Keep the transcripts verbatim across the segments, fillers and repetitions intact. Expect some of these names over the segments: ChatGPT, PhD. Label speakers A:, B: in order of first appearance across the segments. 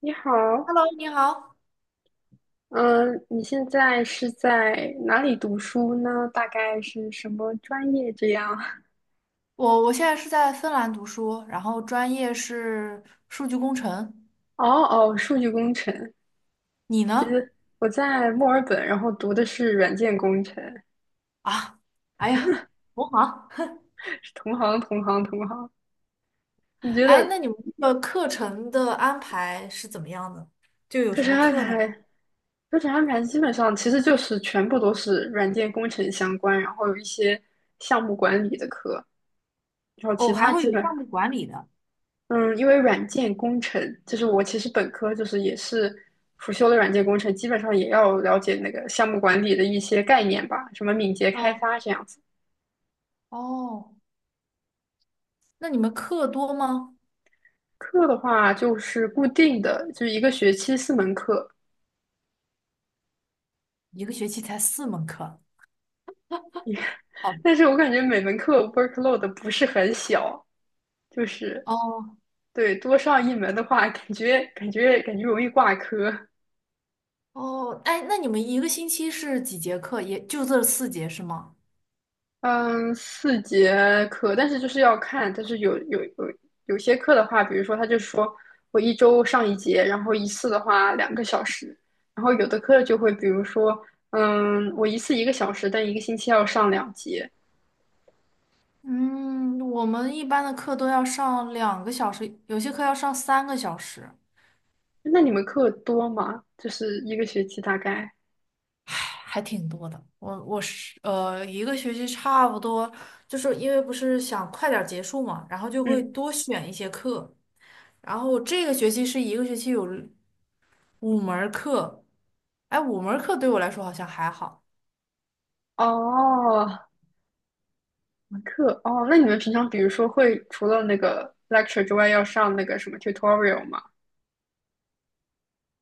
A: 你好，
B: Hello，你好，
A: 嗯，你现在是在哪里读书呢？大概是什么专业这样？
B: 我我现在是在芬兰读书，然后专业是数据工程。
A: 哦哦，数据工程。
B: 你
A: 其觉
B: 呢？
A: 得我在墨尔本，然后读的是软件工程，
B: 啊，哎呀，同行。
A: 是同行同行同行。你觉
B: 哎，那
A: 得
B: 你们这个课程的安排是怎么样的？就有
A: 课
B: 什
A: 程
B: 么
A: 安
B: 课呢？
A: 排？课程安排基本上其实就是全部都是软件工程相关，然后有一些项目管理的课，然后其
B: 哦，还
A: 他
B: 会
A: 基
B: 有项
A: 本，
B: 目管理的。
A: 嗯，因为软件工程，就是我其实本科就是也是辅修的软件工程，基本上也要了解那个项目管理的一些概念吧，什么敏捷开
B: 嗯，
A: 发这样子。
B: 哦，那你们课多吗？
A: 课的话就是固定的，就是一个学期四门课，
B: 一个学期才四门课。好的。
A: 但是我感觉每门课 workload 不是很小，就是，
B: 哦
A: 对，多上一门的话，感觉感觉感觉容易挂科。
B: 哦。哎，那你们一个星期是几节课？也就这四节是吗？
A: 嗯，四节课，但是就是要看，但是有有有有些课的话，比如说他就说我一周上一节，然后一次的话两个小时，然后有的课就会比如说，嗯，我一次一个小时，但一个星期要上两节。
B: 嗯，我们一般的课都要上两个小时，有些课要上三个小时，
A: 那你们课多吗？就是一个学期大概，
B: 唉，还挺多的。我我是呃，一个学期差不多，就是因为不是想快点儿结束嘛，然后就会
A: 嗯，
B: 多选一些课。然后这个学期是一个学期有五门儿课，哎，五门儿课对我来说好像还好。
A: 哦，课，哦，那你们平常比如说会除了那个 lecture 之外，要上那个什么 tutorial 吗？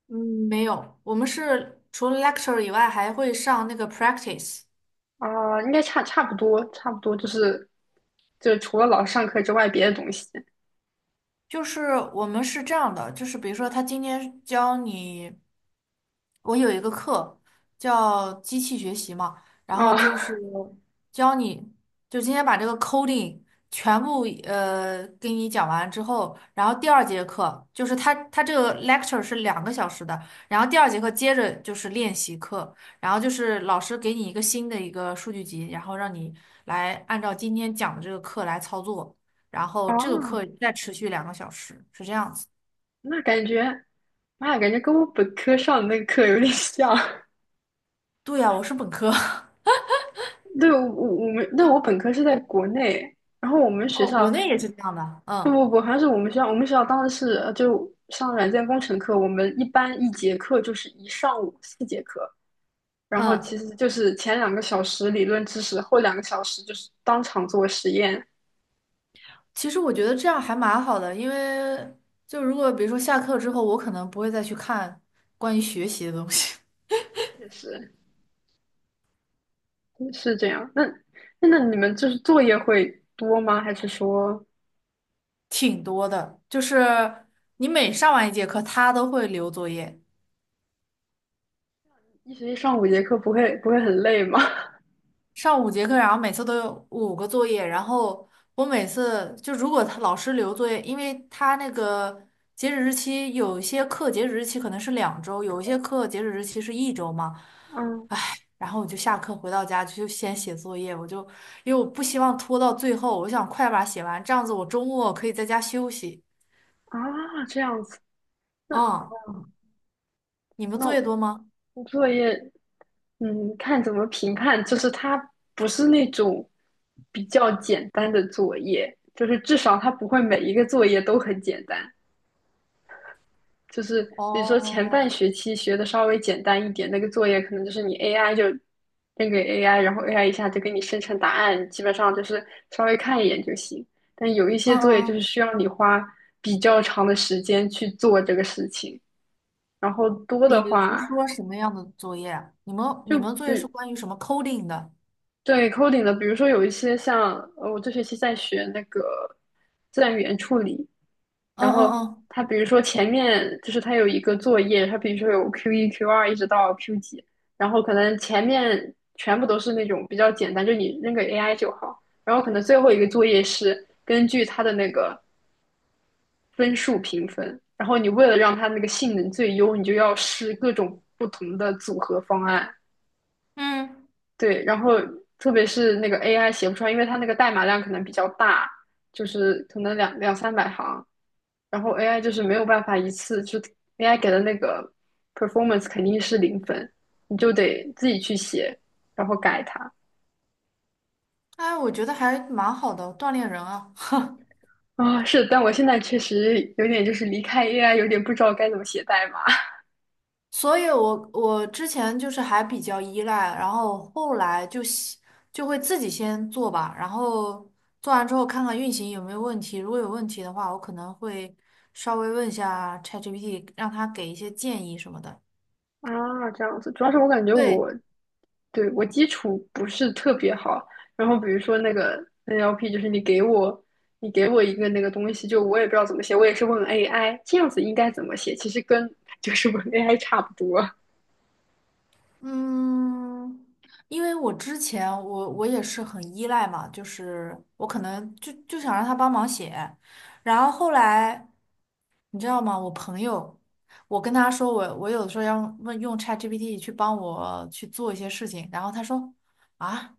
B: 嗯，没有，我们是除了 lecture 以外，还会上那个 practice。
A: 啊、应该差差不多，差不多就是就除了老师上课之外，别的东西
B: 就是我们是这样的，就是比如说他今天教你，我有一个课叫机器学习嘛，然后就是
A: 啊
B: 教你，就今天把这个 coding 全部呃给你讲完之后，然后第二节课就是他他这个 lecture 是两个小时的，然后第二节课接着就是练习课，然后就是老师给你一个新的一个数据集，然后让你来按照今天讲的这个课来操作。然后这个课
A: 啊
B: 再持续两个小时，是这样子。
A: 那感觉，妈呀，感觉跟我本科上的那个课有点像。
B: 对呀，我是本科。
A: 对，我我们，那我本科是在国内，然后我们学
B: 哦，
A: 校
B: 国内也是这样的。
A: 不
B: 嗯
A: 不不，好像是我们学校，我们学校当时是呃就上软件工程课，我们一般一节课就是一上午四节课，然后其
B: 嗯，
A: 实就是前两个小时理论知识，后两个小时就是当场做实验，
B: 其实我觉得这样还蛮好的，因为就如果比如说下课之后，我可能不会再去看关于学习的东西。
A: 确实。是这样。那那那你们就是作业会多吗？还是说
B: 挺多的。就是你每上完一节课，他都会留作业。
A: 一学期上五节课不会不会很累吗？
B: 上五节课，然后每次都有五个作业，然后我每次就如果他老师留作业，因为他那个截止日期有一些课截止日期可能是两周，有一些课截止日期是一周嘛，
A: 嗯
B: 然后我就下课回到家就先写作业，我就因为我不希望拖到最后，我想快把它写完，这样子我周末可以在家休息。
A: 啊，这样子。那
B: 嗯，你们
A: 那
B: 作业多吗？
A: 作业，嗯，看怎么评判，就是它不是那种比较简单的作业，就是至少它不会每一个作业都很简单。就是比如说前半
B: 哦，
A: 学期学的稍微简单一点，那个作业可能就是你 A I 就扔给 A I，然后 A I 一下就给你生成答案，基本上就是稍微看一眼就行。但有一些
B: 嗯
A: 作业
B: 嗯，
A: 就是
B: 嗯
A: 需要你花比较长的时间去做这个事情，然后多
B: 比
A: 的
B: 如
A: 话
B: 说什么样的作业啊你们
A: 就
B: 你们作业是
A: 比，
B: 关于什么 coding 的？
A: 对 coding 的，比如说有一些像呃我这学期在学那个自然语言处理，
B: 嗯
A: 然
B: 嗯
A: 后
B: 嗯
A: 它比如说前面就是它有一个作业，它比如说有 Q 一、Q 二一直到 Q 几，然后可能前面全部都是那种比较简单，就你扔个 A I 就好，然后可能最后一个作业是根据它的那个分数评分，然后你为了让它那个性能最优，你就要试各种不同的组合方案，
B: 嗯。
A: 对，然后特别是那个 A I 写不出来，因为它那个代码量可能比较大，就是可能两两三百行。然后 A I 就是没有办法一次就 A I 给的那个 performance 肯定是零分，你就得自己去写，然后改它。
B: 哎，我觉得还蛮好的，锻炼人啊。
A: 啊、是，但我现在确实有点就是离开 A I，有点不知道该怎么写代码
B: 所以我我之前就是还比较依赖，然后后来就喜就会自己先做吧，然后做完之后看看运行有没有问题，如果有问题的话，我可能会稍微问一下 ChatGPT,让他给一些建议什么的。
A: 啊，这样子。主要是我感觉我
B: 对，
A: 对我基础不是特别好，然后比如说那个 N L P，就是你给我你给我一个那个东西，就我也不知道怎么写，我也是问 A I 这样子应该怎么写，其实跟 就是问 A I 差不多。
B: 嗯，因为我之前我我也是很依赖嘛，就是我可能就就想让他帮忙写，然后后来。你知道吗？我朋友，我跟他说我我有的时候要问用 ChatGPT 去帮我去做一些事情，然后他说啊，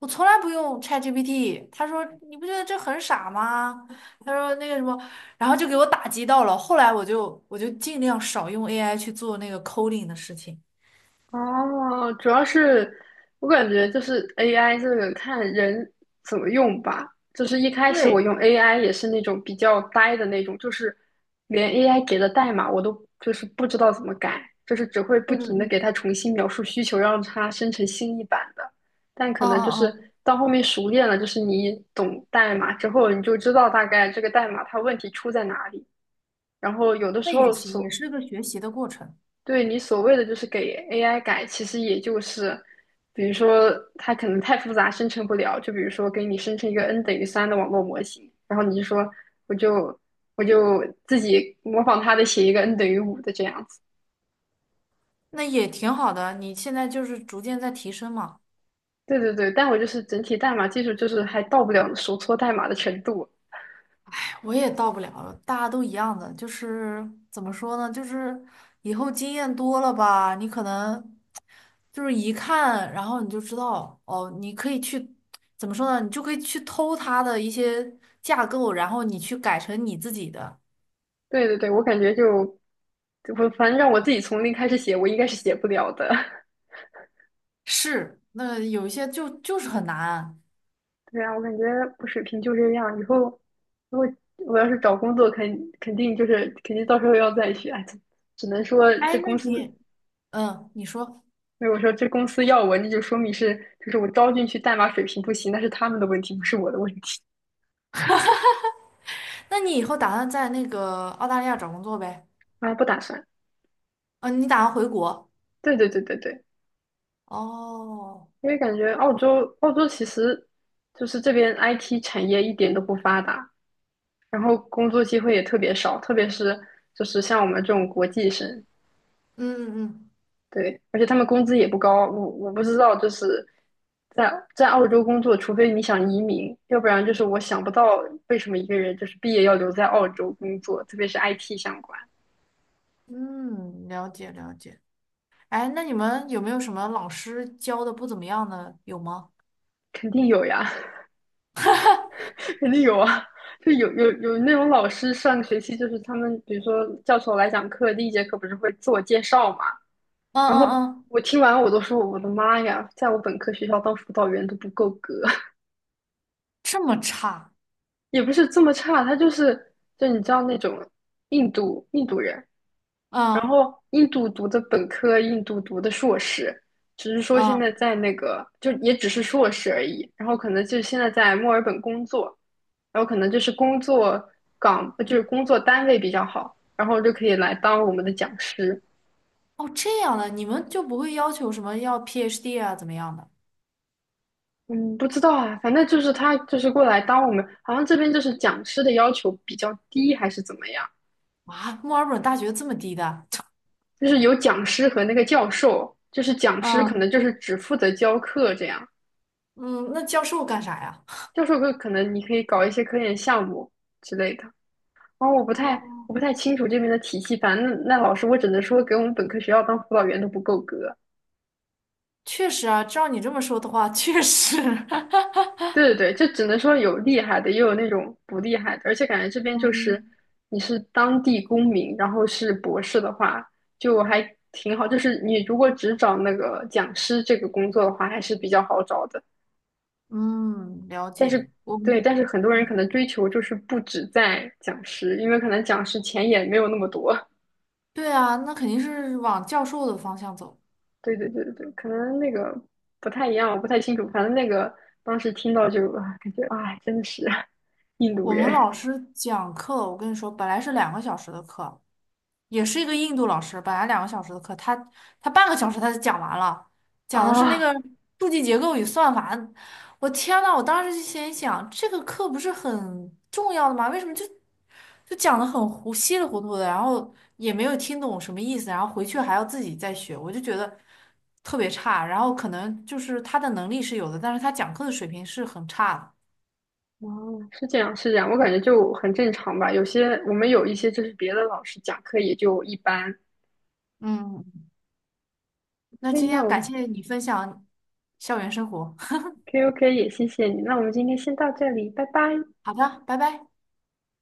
B: 我从来不用 ChatGPT。他说你不觉得这很傻吗？他说那个什么，然后就给我打击到了。后来我就我就尽量少用 A I 去做那个 coding 的事情。
A: 哦，主要是我感觉就是 A I 这个看人怎么用吧。就是一开始我
B: 对，
A: 用 A I 也是那种比较呆的那种，就是连 A I 给的代码我都就是不知道怎么改，就是只会不
B: 嗯
A: 停的
B: 嗯
A: 给它
B: 嗯
A: 重新描述需求，让它生成新一版的。但可
B: 嗯
A: 能就
B: 嗯
A: 是
B: 嗯。
A: 到后面熟练了，就是你懂代码之后，你就知道大概这个代码它问题出在哪里。然后有的
B: 那
A: 时
B: 也
A: 候
B: 行，也
A: 所，
B: 是个学习的过程，
A: 对，你所谓的就是给 A I 改，其实也就是，比如说它可能太复杂生成不了，就比如说给你生成一个 n 等于三的网络模型，然后你就说我就我就自己模仿它的写一个 n 等于五的这样子。
B: 那也挺好的。你现在就是逐渐在提升嘛。
A: 对对对，但我就是整体代码技术就是还到不了手搓代码的程度。
B: 我也到不了了，大家都一样的，就是怎么说呢，就是以后经验多了吧，你可能就是一看，然后你就知道，哦，你可以去怎么说呢，你就可以去偷他的一些架构，然后你去改成你自己的。
A: 对对对，我感觉就我反正让我自己从零开始写，我应该是写不了的。
B: 是，那有一些就就是很难啊。
A: 对啊，我感觉不水平就这样。以后如果我要是找工作，肯肯定就是肯定到时候要再学，哎只只能说这
B: 哎，那
A: 公司
B: 你，嗯，你说，
A: 如果说这公司要我，那就说明是就是我招进去代码水平不行，那是他们的问题，不是我的问题。
B: 那你以后打算在那个澳大利亚找工作呗？
A: 啊，不打算。
B: 嗯，你打算回国？
A: 对对对对对，
B: 哦，
A: 因为感觉澳洲澳洲其实就是这边 I T 产业一点都不发达，然后工作机会也特别少，特别是就是像我们这种国际生，
B: 嗯嗯
A: 对，而且他们工资也不高，我我不知道，就是在在澳洲工作，除非你想移民，要不然就是我想不到为什么一个人就是毕业要留在澳洲工作，特别是 I T 相关，
B: 嗯，了解了解。哎，那你们有没有什么老师教的不怎么样的？有吗？
A: 肯定有呀，肯定有啊，就有有有那种老师上个学期就是他们，比如说教授来讲课，第一节课不是会自我介绍嘛，
B: 嗯
A: 然后
B: 嗯嗯，
A: 我听完我都说我的妈呀，在我本科学校当辅导员都不够格，
B: 这么差，
A: 也不是这么差，他就是就你知道那种印度印度人。
B: 嗯
A: 印度读的本科，印度读的硕士，只是说现在
B: 嗯，
A: 在那个，就也只是硕士而已。然后可能就现在在墨尔本工作，然后可能就是工作岗，呃就是工作单位比较好，然后就可以来当我们的讲师。
B: 哦，这样的，你们就不会要求什么要 PhD 啊，怎么样的？
A: 嗯，不知道啊，反正就是他就是过来当我们，好像这边就是讲师的要求比较低，还是怎么样？
B: 啊，墨尔本大学这么低的？
A: 就是有讲师和那个教授，就是讲师可能
B: 嗯，
A: 就是只负责教课这样，
B: 嗯，那教授干啥呀？
A: 教授可可能你可以搞一些科研项目之类的。哦，我不
B: 哦，
A: 太我不太清楚这边的体系，反正那那老师我只能说给我们本科学校当辅导员都不够格。
B: 确实啊，照你这么说的话，确实。
A: 对对对，就只能说有厉害的，也有那种不厉害的，而且感觉这边就是
B: 嗯，
A: 你是当地公民，然后是博士的话，就还挺好。就是你如果只找那个讲师这个工作的话，还是比较好找的。
B: 嗯，了
A: 但
B: 解。
A: 是
B: 我
A: 对，
B: 们，
A: 但是很多人可
B: 嗯
A: 能追求就是不止在讲师，因为可能讲师钱也没有那么多。
B: 对啊，那肯定是往教授的方向走。
A: 对对对对对，可能那个不太一样，我不太清楚。反正那个当时听到就啊，感觉啊，真的是印度
B: 我们
A: 人
B: 老师讲课，我跟你说，本来是两个小时的课，也是一个印度老师，本来两个小时的课，他他半个小时他就讲完了，讲的是那
A: 啊，
B: 个数据结构与算法。我天呐，我当时就心想，这个课不是很重要的吗？为什么就就讲的很糊，稀里糊涂的，然后也没有听懂什么意思，然后回去还要自己再学，我就觉得特别差。然后可能就是他的能力是有的，但是他讲课的水平是很差的。
A: 哦，是这样是这样，我感觉就很正常吧。有些我们有一些就是别的老师讲课也就一般。
B: 嗯，那
A: 哎，
B: 今
A: 那
B: 天感
A: 我
B: 谢你分享校园生活，
A: OK OK 也谢谢你，那我们今天先到这里，拜拜。
B: 好的，拜拜。